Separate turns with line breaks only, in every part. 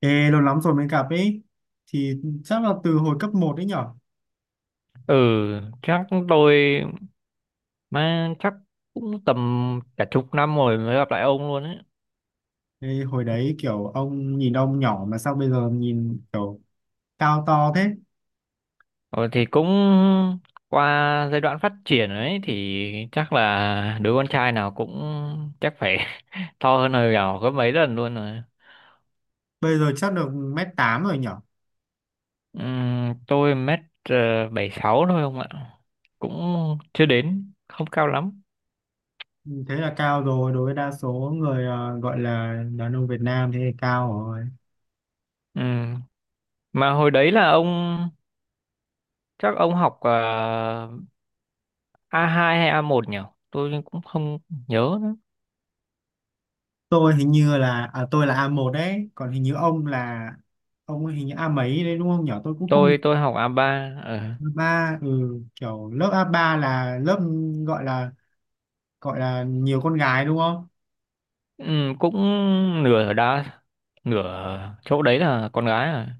Ê, lâu lắm rồi mới gặp ấy thì chắc là từ hồi cấp một ấy nhở.
Ừ, chắc tôi, mà chắc cũng tầm cả chục năm rồi mới gặp lại ông luôn ấy.
Ê, hồi đấy kiểu ông nhìn ông nhỏ mà sao bây giờ nhìn kiểu cao to thế.
Rồi thì cũng qua giai đoạn phát triển ấy thì chắc là đứa con trai nào cũng chắc phải to hơn hồi nhỏ có mấy lần luôn rồi.
Bây giờ chắc được 1m8 rồi nhở.
Tôi mét bảy sáu thôi không ạ, cũng chưa đến, không cao lắm.
Thế là cao rồi đối với đa số người, gọi là đàn ông Việt Nam, thế thì cao rồi.
Ừm, mà hồi đấy là ông, chắc ông học a hai hay a một nhỉ? Tôi cũng không nhớ nữa.
Tôi hình như là à, tôi là a một đấy, còn hình như ông hình như A mấy đấy, đúng không nhở? Tôi cũng không.
Tôi học a ba. Ờ,
Ba, ừ, kiểu lớp a ba là lớp gọi là gọi là nhiều con gái đúng không?
ừ, cũng nửa đá, nửa chỗ đấy là con gái à?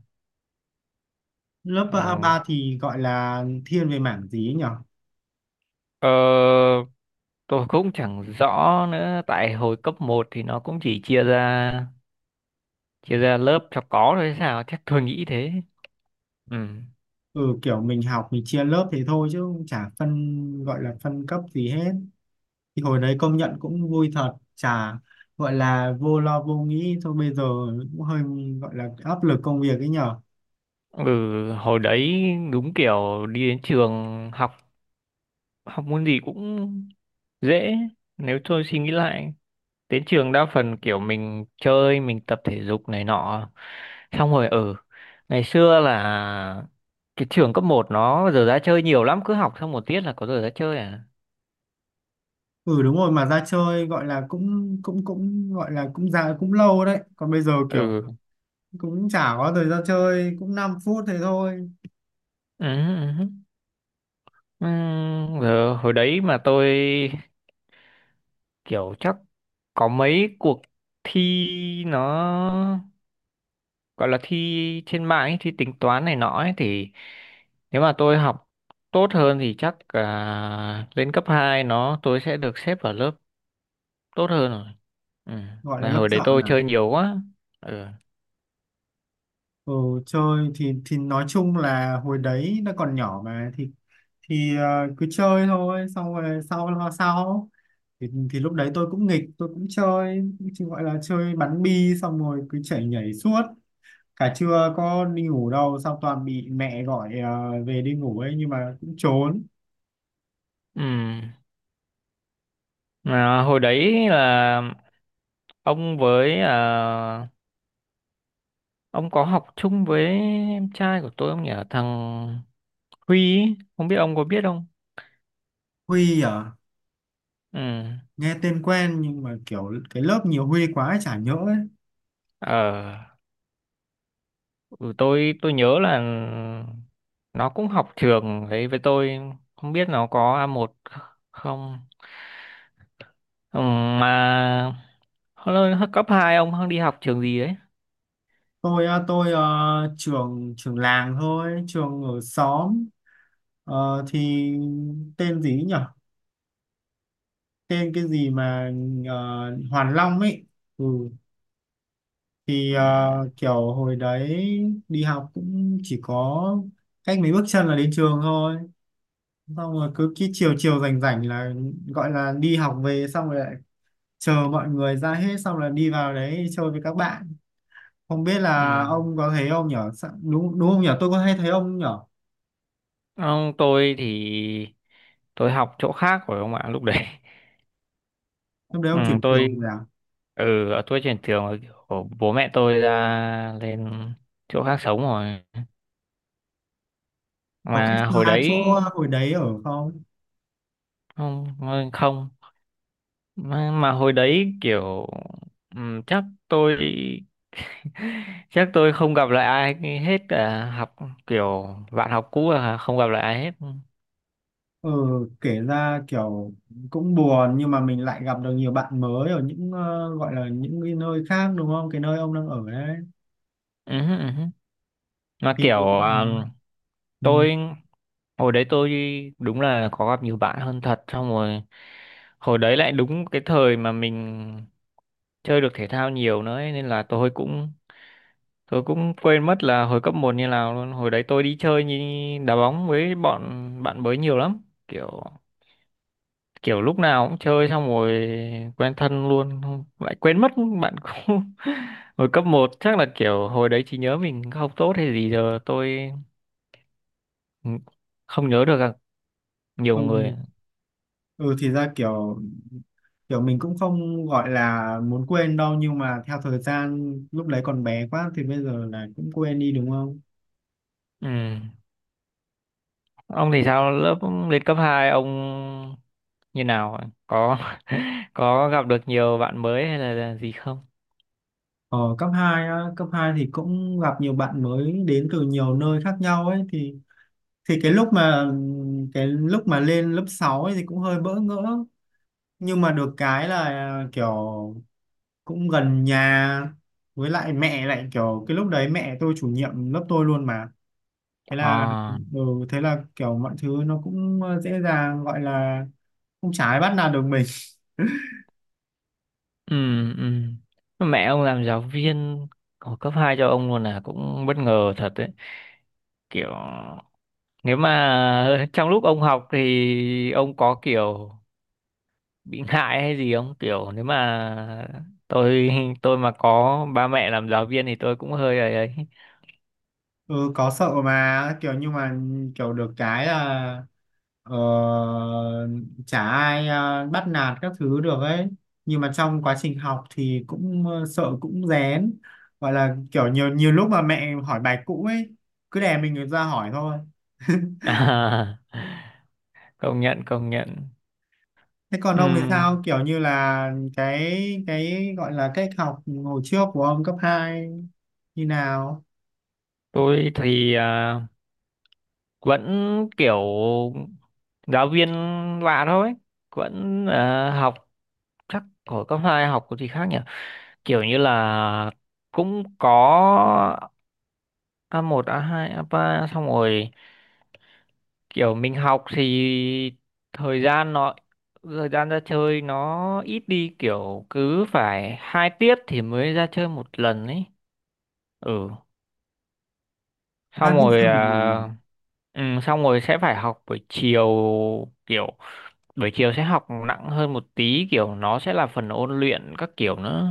Lớp ba
ờ,
ba thì gọi là thiên về mảng gì ấy nhỉ?
ờ, tôi cũng chẳng rõ nữa, tại hồi cấp một thì nó cũng chỉ chia ra lớp cho có thôi hay sao, chắc tôi nghĩ thế. Ừ.
Ừ, kiểu mình học mình chia lớp thế thôi chứ cũng chả phân gọi là phân cấp gì hết. Thì hồi đấy công nhận cũng vui thật, chả gọi là vô lo vô nghĩ thôi, bây giờ cũng hơi gọi là áp lực công việc ấy nhở.
Ừ, hồi đấy đúng kiểu đi đến trường học, học môn gì cũng dễ. Nếu tôi suy nghĩ lại, đến trường đa phần kiểu mình chơi, mình tập thể dục này nọ, xong rồi ở ngày xưa là cái trường cấp một nó giờ ra chơi nhiều lắm, cứ học xong một tiết là có giờ ra chơi à.
Ừ đúng rồi, mà ra chơi gọi là cũng cũng cũng gọi là cũng ra cũng lâu đấy, còn bây giờ kiểu
Ừ,
cũng chả có thời gian chơi, cũng 5 phút thế thôi.
ừ, ừ. Ừ. Giờ hồi đấy mà tôi kiểu chắc có mấy cuộc thi, nó gọi là thi trên mạng ấy, thi tính toán này nọ ấy thì nếu mà tôi học tốt hơn thì chắc lên cấp 2 nó tôi sẽ được xếp vào lớp tốt hơn rồi. Ừ.
Gọi là
Mà
lớp
hồi đấy
chọn
tôi
à?
chơi nhiều quá. Ừ.
Ừ, chơi thì nói chung là hồi đấy nó còn nhỏ mà thì thì ờ, cứ chơi thôi, xong rồi sau lo sau. Thì lúc đấy tôi cũng nghịch, tôi cũng chơi, chỉ gọi là chơi bắn bi xong rồi cứ chạy nhảy suốt cả trưa, có đi ngủ đâu, xong toàn bị mẹ gọi về đi ngủ ấy nhưng mà cũng trốn.
Ừ. Mà hồi đấy là ông với, ông có học chung với em trai của tôi không nhỉ? Thằng Huy ấy, không biết ông có biết không.
Huy à?
Ừ.
Nghe tên quen nhưng mà kiểu cái lớp nhiều Huy quá ấy, chả nhớ ấy.
Ờ. Ừ, tôi nhớ là nó cũng học trường ấy với tôi, không biết nó có a một không. Ừ, mà hồi cấp 2 ông đi học trường gì đấy?
Tôi ờ, tôi ờ, trường trường làng thôi, trường ở xóm. Ờ, thì tên gì ấy nhỉ? Tên cái gì mà ờ, Hoàn Long ấy. Ừ. Thì,
Ừ.
kiểu hồi đấy đi học cũng chỉ có cách mấy bước chân là đến trường thôi. Xong rồi cứ cái chiều chiều rảnh rảnh là gọi là đi học về xong rồi lại chờ mọi người ra hết xong là đi vào đấy chơi với các bạn. Không biết là
Ừ.
ông có thấy ông nhỉ? Sao- Đúng đúng không nhỉ? Tôi có hay thấy ông nhỉ?
Không, tôi thì tôi học chỗ khác rồi ông ạ, lúc đấy.
Lúc đấy
Ừ,
ông chuyển trường rồi à?
ừ, tôi chuyển trường rồi, kiểu bố mẹ tôi ra, lên chỗ khác sống rồi.
Có cách
Mà hồi
xa
đấy
chỗ hồi đấy ở không?
không, không, mà hồi đấy kiểu, ừ, chắc tôi chắc tôi không gặp lại ai hết cả, học kiểu bạn học cũ là không gặp lại ai hết.
Ừ, kể ra kiểu cũng buồn nhưng mà mình lại gặp được nhiều bạn mới ở những, gọi là những cái nơi khác đúng không? Cái nơi ông đang ở đấy
Ừ, ừ, ừ. Mà
thì
kiểu
ừ,
tôi hồi đấy tôi đúng là có gặp nhiều bạn hơn thật, xong rồi hồi đấy lại đúng cái thời mà mình chơi được thể thao nhiều nữa ấy, nên là tôi cũng quên mất là hồi cấp một như nào luôn. Hồi đấy tôi đi chơi như đá bóng với bọn bạn mới nhiều lắm, kiểu kiểu lúc nào cũng chơi, xong rồi quen thân luôn, không lại quên mất bạn cũng hồi cấp một chắc là kiểu hồi đấy trí nhớ mình không tốt hay gì, giờ tôi không nhớ được nhiều
ừ, ừ,
người.
ừ, thì ra kiểu kiểu mình cũng không gọi là muốn quên đâu nhưng mà theo thời gian lúc đấy còn bé quá thì bây giờ là cũng quên đi đúng không?
Ừ. Ông thì sao? Lớp lên cấp 2 ông như nào ạ? Có có gặp được nhiều bạn mới hay là gì không?
Ở cấp 2 á, cấp 2 thì cũng gặp nhiều bạn mới đến từ nhiều nơi khác nhau ấy thì cái lúc mà lên lớp 6 ấy thì cũng hơi bỡ ngỡ, nhưng mà được cái là kiểu cũng gần nhà, với lại mẹ lại kiểu cái lúc đấy mẹ tôi chủ nhiệm lớp tôi luôn mà. Thế là,
À,
ừ, thế là kiểu mọi thứ nó cũng dễ dàng, gọi là không trái bắt nạt được mình.
ừ, ừ. Mẹ ông làm giáo viên của cấp 2 cho ông luôn là cũng bất ngờ thật đấy. Kiểu nếu mà trong lúc ông học thì ông có kiểu bị ngại hay gì không? Kiểu nếu mà tôi tôi mà có ba mẹ làm giáo viên thì tôi cũng hơi ấy ấy.
Ừ có sợ mà kiểu nhưng mà kiểu được cái là ờ, chả ai bắt nạt các thứ được ấy, nhưng mà trong quá trình học thì cũng sợ cũng rén, gọi là kiểu nhiều nhiều lúc mà mẹ hỏi bài cũ ấy, cứ đè mình ra hỏi thôi.
À, công nhận công nhận.
Thế còn
Ừ.
ông thì sao, kiểu như là cái gọi là cách học hồi trước của ông cấp 2 như nào?
Tôi thì vẫn kiểu giáo viên lạ thôi, vẫn học. Chắc hồi cấp 2 học có gì khác nhỉ? Kiểu như là cũng có a một a hai a ba, xong rồi kiểu mình học thì thời gian nó, thời gian ra chơi nó ít đi, kiểu cứ phải hai tiết thì mới ra chơi một lần ấy. Ừ.
Hai
xong
tiết
rồi
sau một buổi
à, xong rồi sẽ phải học buổi chiều, kiểu buổi chiều sẽ học nặng hơn một tí, kiểu nó sẽ là phần ôn luyện các kiểu nữa,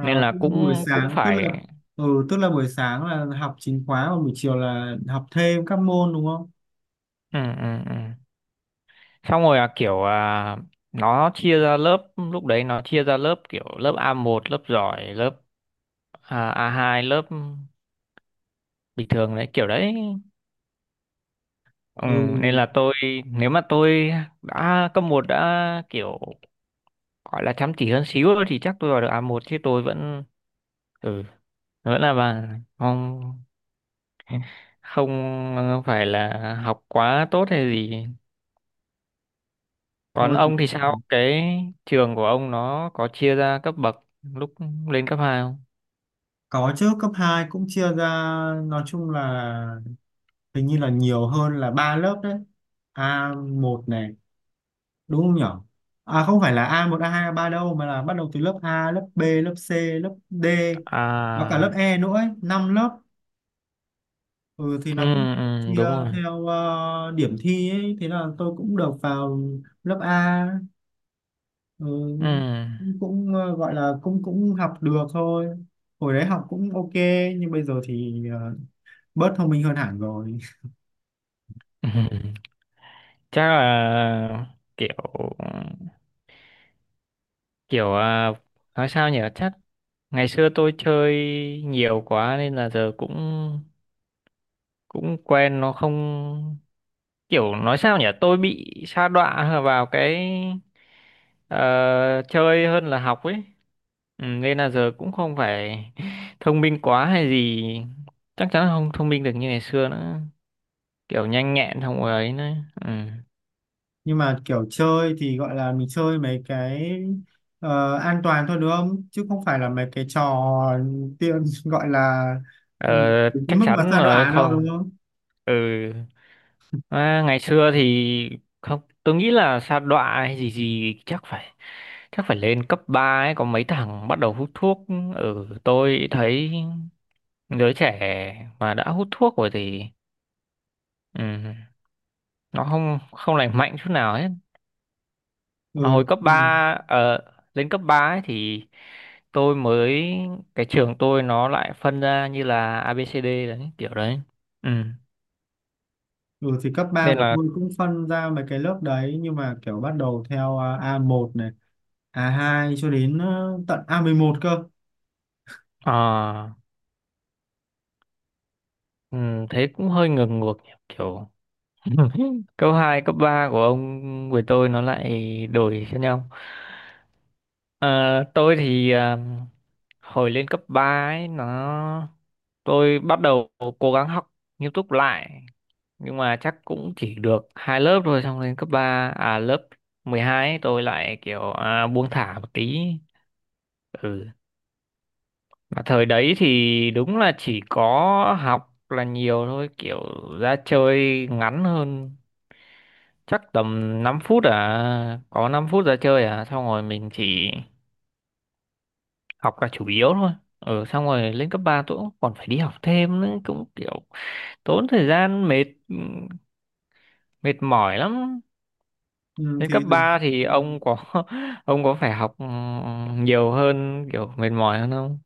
nên là
tức là buổi
cũng cũng
sáng tức
phải.
là ừ tức là buổi sáng là học chính khóa và buổi chiều là học thêm các môn đúng không?
Ừ, ừ, ừ. Xong rồi là kiểu nó chia ra lớp, lúc đấy nó chia ra lớp kiểu lớp a một lớp giỏi, lớp a hai lớp bình thường đấy kiểu đấy. Ừ, nên là
Ừ,
tôi, nếu mà tôi đã cấp một đã kiểu gọi là chăm chỉ hơn xíu thôi thì chắc tôi vào được a một, chứ tôi ừ vẫn là bà, không, không phải là học quá tốt hay gì. Còn
thôi thì
ông thì sao, cái trường của ông nó có chia ra cấp bậc lúc lên cấp hai không?
có chứ, cấp 2 cũng chia ra, nói chung là hình như là nhiều hơn là ba lớp đấy, a một này, đúng không nhở? À không phải là a một a hai a ba đâu, mà là bắt đầu từ lớp A, lớp B, lớp C, lớp D và cả lớp
À.
E nữa ấy, 5 lớp. Ừ, thì
Ừ,
nó cũng
ừ
chia
đúng rồi.
theo điểm thi ấy, thế là tôi cũng được vào lớp A. Ừ,
Ừ.
cũng cũng, ờ, gọi là cũng cũng học được thôi, hồi đấy học cũng ok, nhưng bây giờ thì bớt thông minh hơn hẳn rồi.
Chắc là kiểu kiểu nói sao nhỉ, chắc ngày xưa tôi chơi nhiều quá nên là giờ cũng cũng quen nó không, kiểu nói sao nhỉ, tôi bị sa đọa vào cái ờ, chơi hơn là học ấy. Ừ, nên là giờ cũng không phải thông minh quá hay gì, chắc chắn là không thông minh được như ngày xưa nữa, kiểu nhanh nhẹn không ấy nữa. Ừ.
Nhưng mà kiểu chơi thì gọi là mình chơi mấy cái an toàn thôi đúng không, chứ không phải là mấy cái trò tiên gọi là,
Ờ,
ừ, đến cái
chắc
mức mà
chắn
sa
rồi.
đọa đâu đúng
Không.
không.
Ừ. À, ngày xưa thì không, tôi nghĩ là sa đọa hay gì gì chắc phải lên cấp 3 ấy có mấy thằng bắt đầu hút thuốc, ở tôi thấy giới trẻ mà đã hút thuốc rồi thì, ừ, nó không không lành mạnh chút nào hết. Mà
Ừ
hồi
đúng
cấp ba,
rồi.
lên cấp 3 ấy thì tôi mới, cái trường tôi nó lại phân ra như là A ABCD đấy kiểu đấy. Ừ,
Ừ thì cấp 3
nên
của
là
tôi cũng phân ra mấy cái lớp đấy, nhưng mà kiểu bắt đầu theo a một này, a hai cho đến tận A11 cơ.
ờ, ừ, thế cũng hơi ngược ngược nhỉ, kiểu cấp 2 cấp 3 của ông với tôi nó lại đổi cho nhau. Ờ, tôi thì hồi lên cấp 3 ấy nó, tôi bắt đầu cố gắng học nghiêm túc lại, nhưng mà chắc cũng chỉ được hai lớp thôi, xong lên cấp ba, lớp 12 ấy, tôi lại kiểu buông thả một tí. Ừ, mà thời đấy thì đúng là chỉ có học là nhiều thôi, kiểu ra chơi ngắn hơn, chắc tầm 5 phút à, có 5 phút ra chơi à, xong rồi mình chỉ học là chủ yếu thôi. Ừ, xong rồi lên cấp 3 tôi cũng còn phải đi học thêm nữa, cũng kiểu tốn thời gian, mệt mệt mỏi lắm.
Ừ,
Lên
thì
cấp 3 thì
ừ,
ông có ông có phải học nhiều hơn, kiểu mệt mỏi hơn không?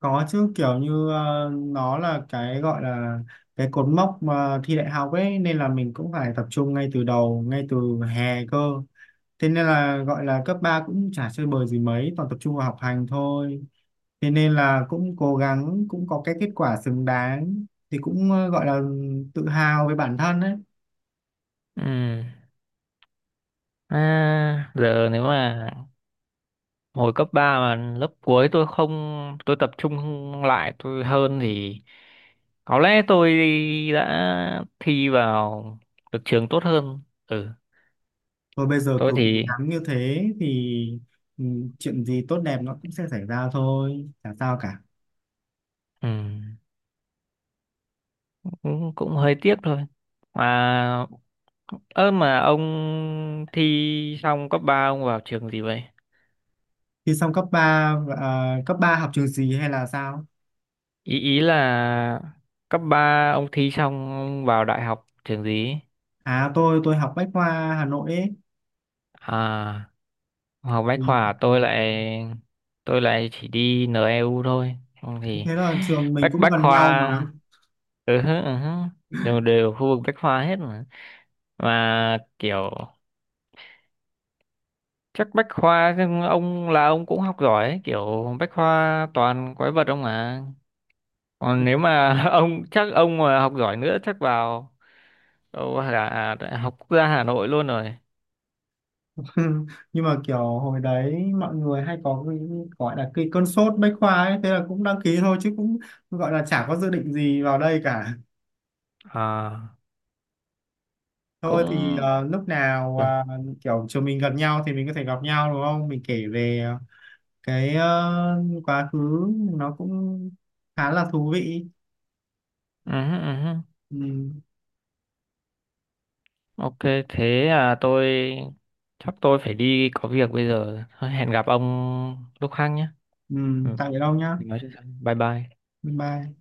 có chứ, kiểu như nó là cái gọi là cái cột mốc mà thi đại học ấy, nên là mình cũng phải tập trung ngay từ đầu, ngay từ hè cơ. Thế nên là gọi là cấp 3 cũng chả chơi bời gì mấy, toàn tập trung vào học hành thôi. Thế nên là cũng cố gắng, cũng có cái kết quả xứng đáng, thì cũng gọi là tự hào với bản thân ấy.
Ừ, giờ nếu mà hồi cấp 3 mà lớp cuối tôi không, tôi tập trung lại tôi hơn, thì có lẽ tôi đã thi vào được trường tốt hơn. Ừ.
Rồi bây giờ
Tôi
cứ cố
thì,
gắng như thế thì ừ, chuyện gì tốt đẹp nó cũng sẽ xảy ra thôi, chả sao cả.
ừ, cũng hơi tiếc thôi. Mà ơ, mà ông thi xong cấp 3 ông vào trường gì vậy?
Thi xong cấp 3 à, cấp 3 học trường gì hay là sao?
Ý ý là cấp 3 ông thi xong ông vào đại học trường gì?
À tôi học Bách Khoa Hà Nội ấy.
À, học bách
Thì,
khoa.
ừ,
Tôi lại chỉ đi NEU thôi, không thì.
thế là trường mình
bách
cũng
bách
gần nhau mà.
khoa Ừ hứ, ừ hứ. Đều đều khu vực bách khoa hết Mà kiểu chắc bách khoa, ông là ông cũng học giỏi ấy, kiểu bách khoa toàn quái vật ông mà. Còn nếu mà ông, chắc ông mà học giỏi nữa chắc vào đâu là đại học quốc gia Hà Nội luôn rồi.
Nhưng mà kiểu hồi đấy mọi người hay có cái gọi là cái cơn sốt Bách Khoa ấy, thế là cũng đăng ký thôi chứ cũng gọi là chả có dự định gì vào đây cả.
À,
Thôi thì
cũng,
lúc nào
ừ,
à, kiểu trường mình gần nhau thì mình có thể gặp nhau đúng không? Mình kể về cái quá khứ nó cũng khá là thú vị.
ừ, ừ.
Ừ.
Ok, thế à, tôi, chắc tôi phải đi có việc bây giờ. Thôi, hẹn gặp ông lúc khác nhé.
Ừ,
Ừ,
tạm biệt ông nhá.
mình nói chuyện sau. Bye bye.
Bye bye.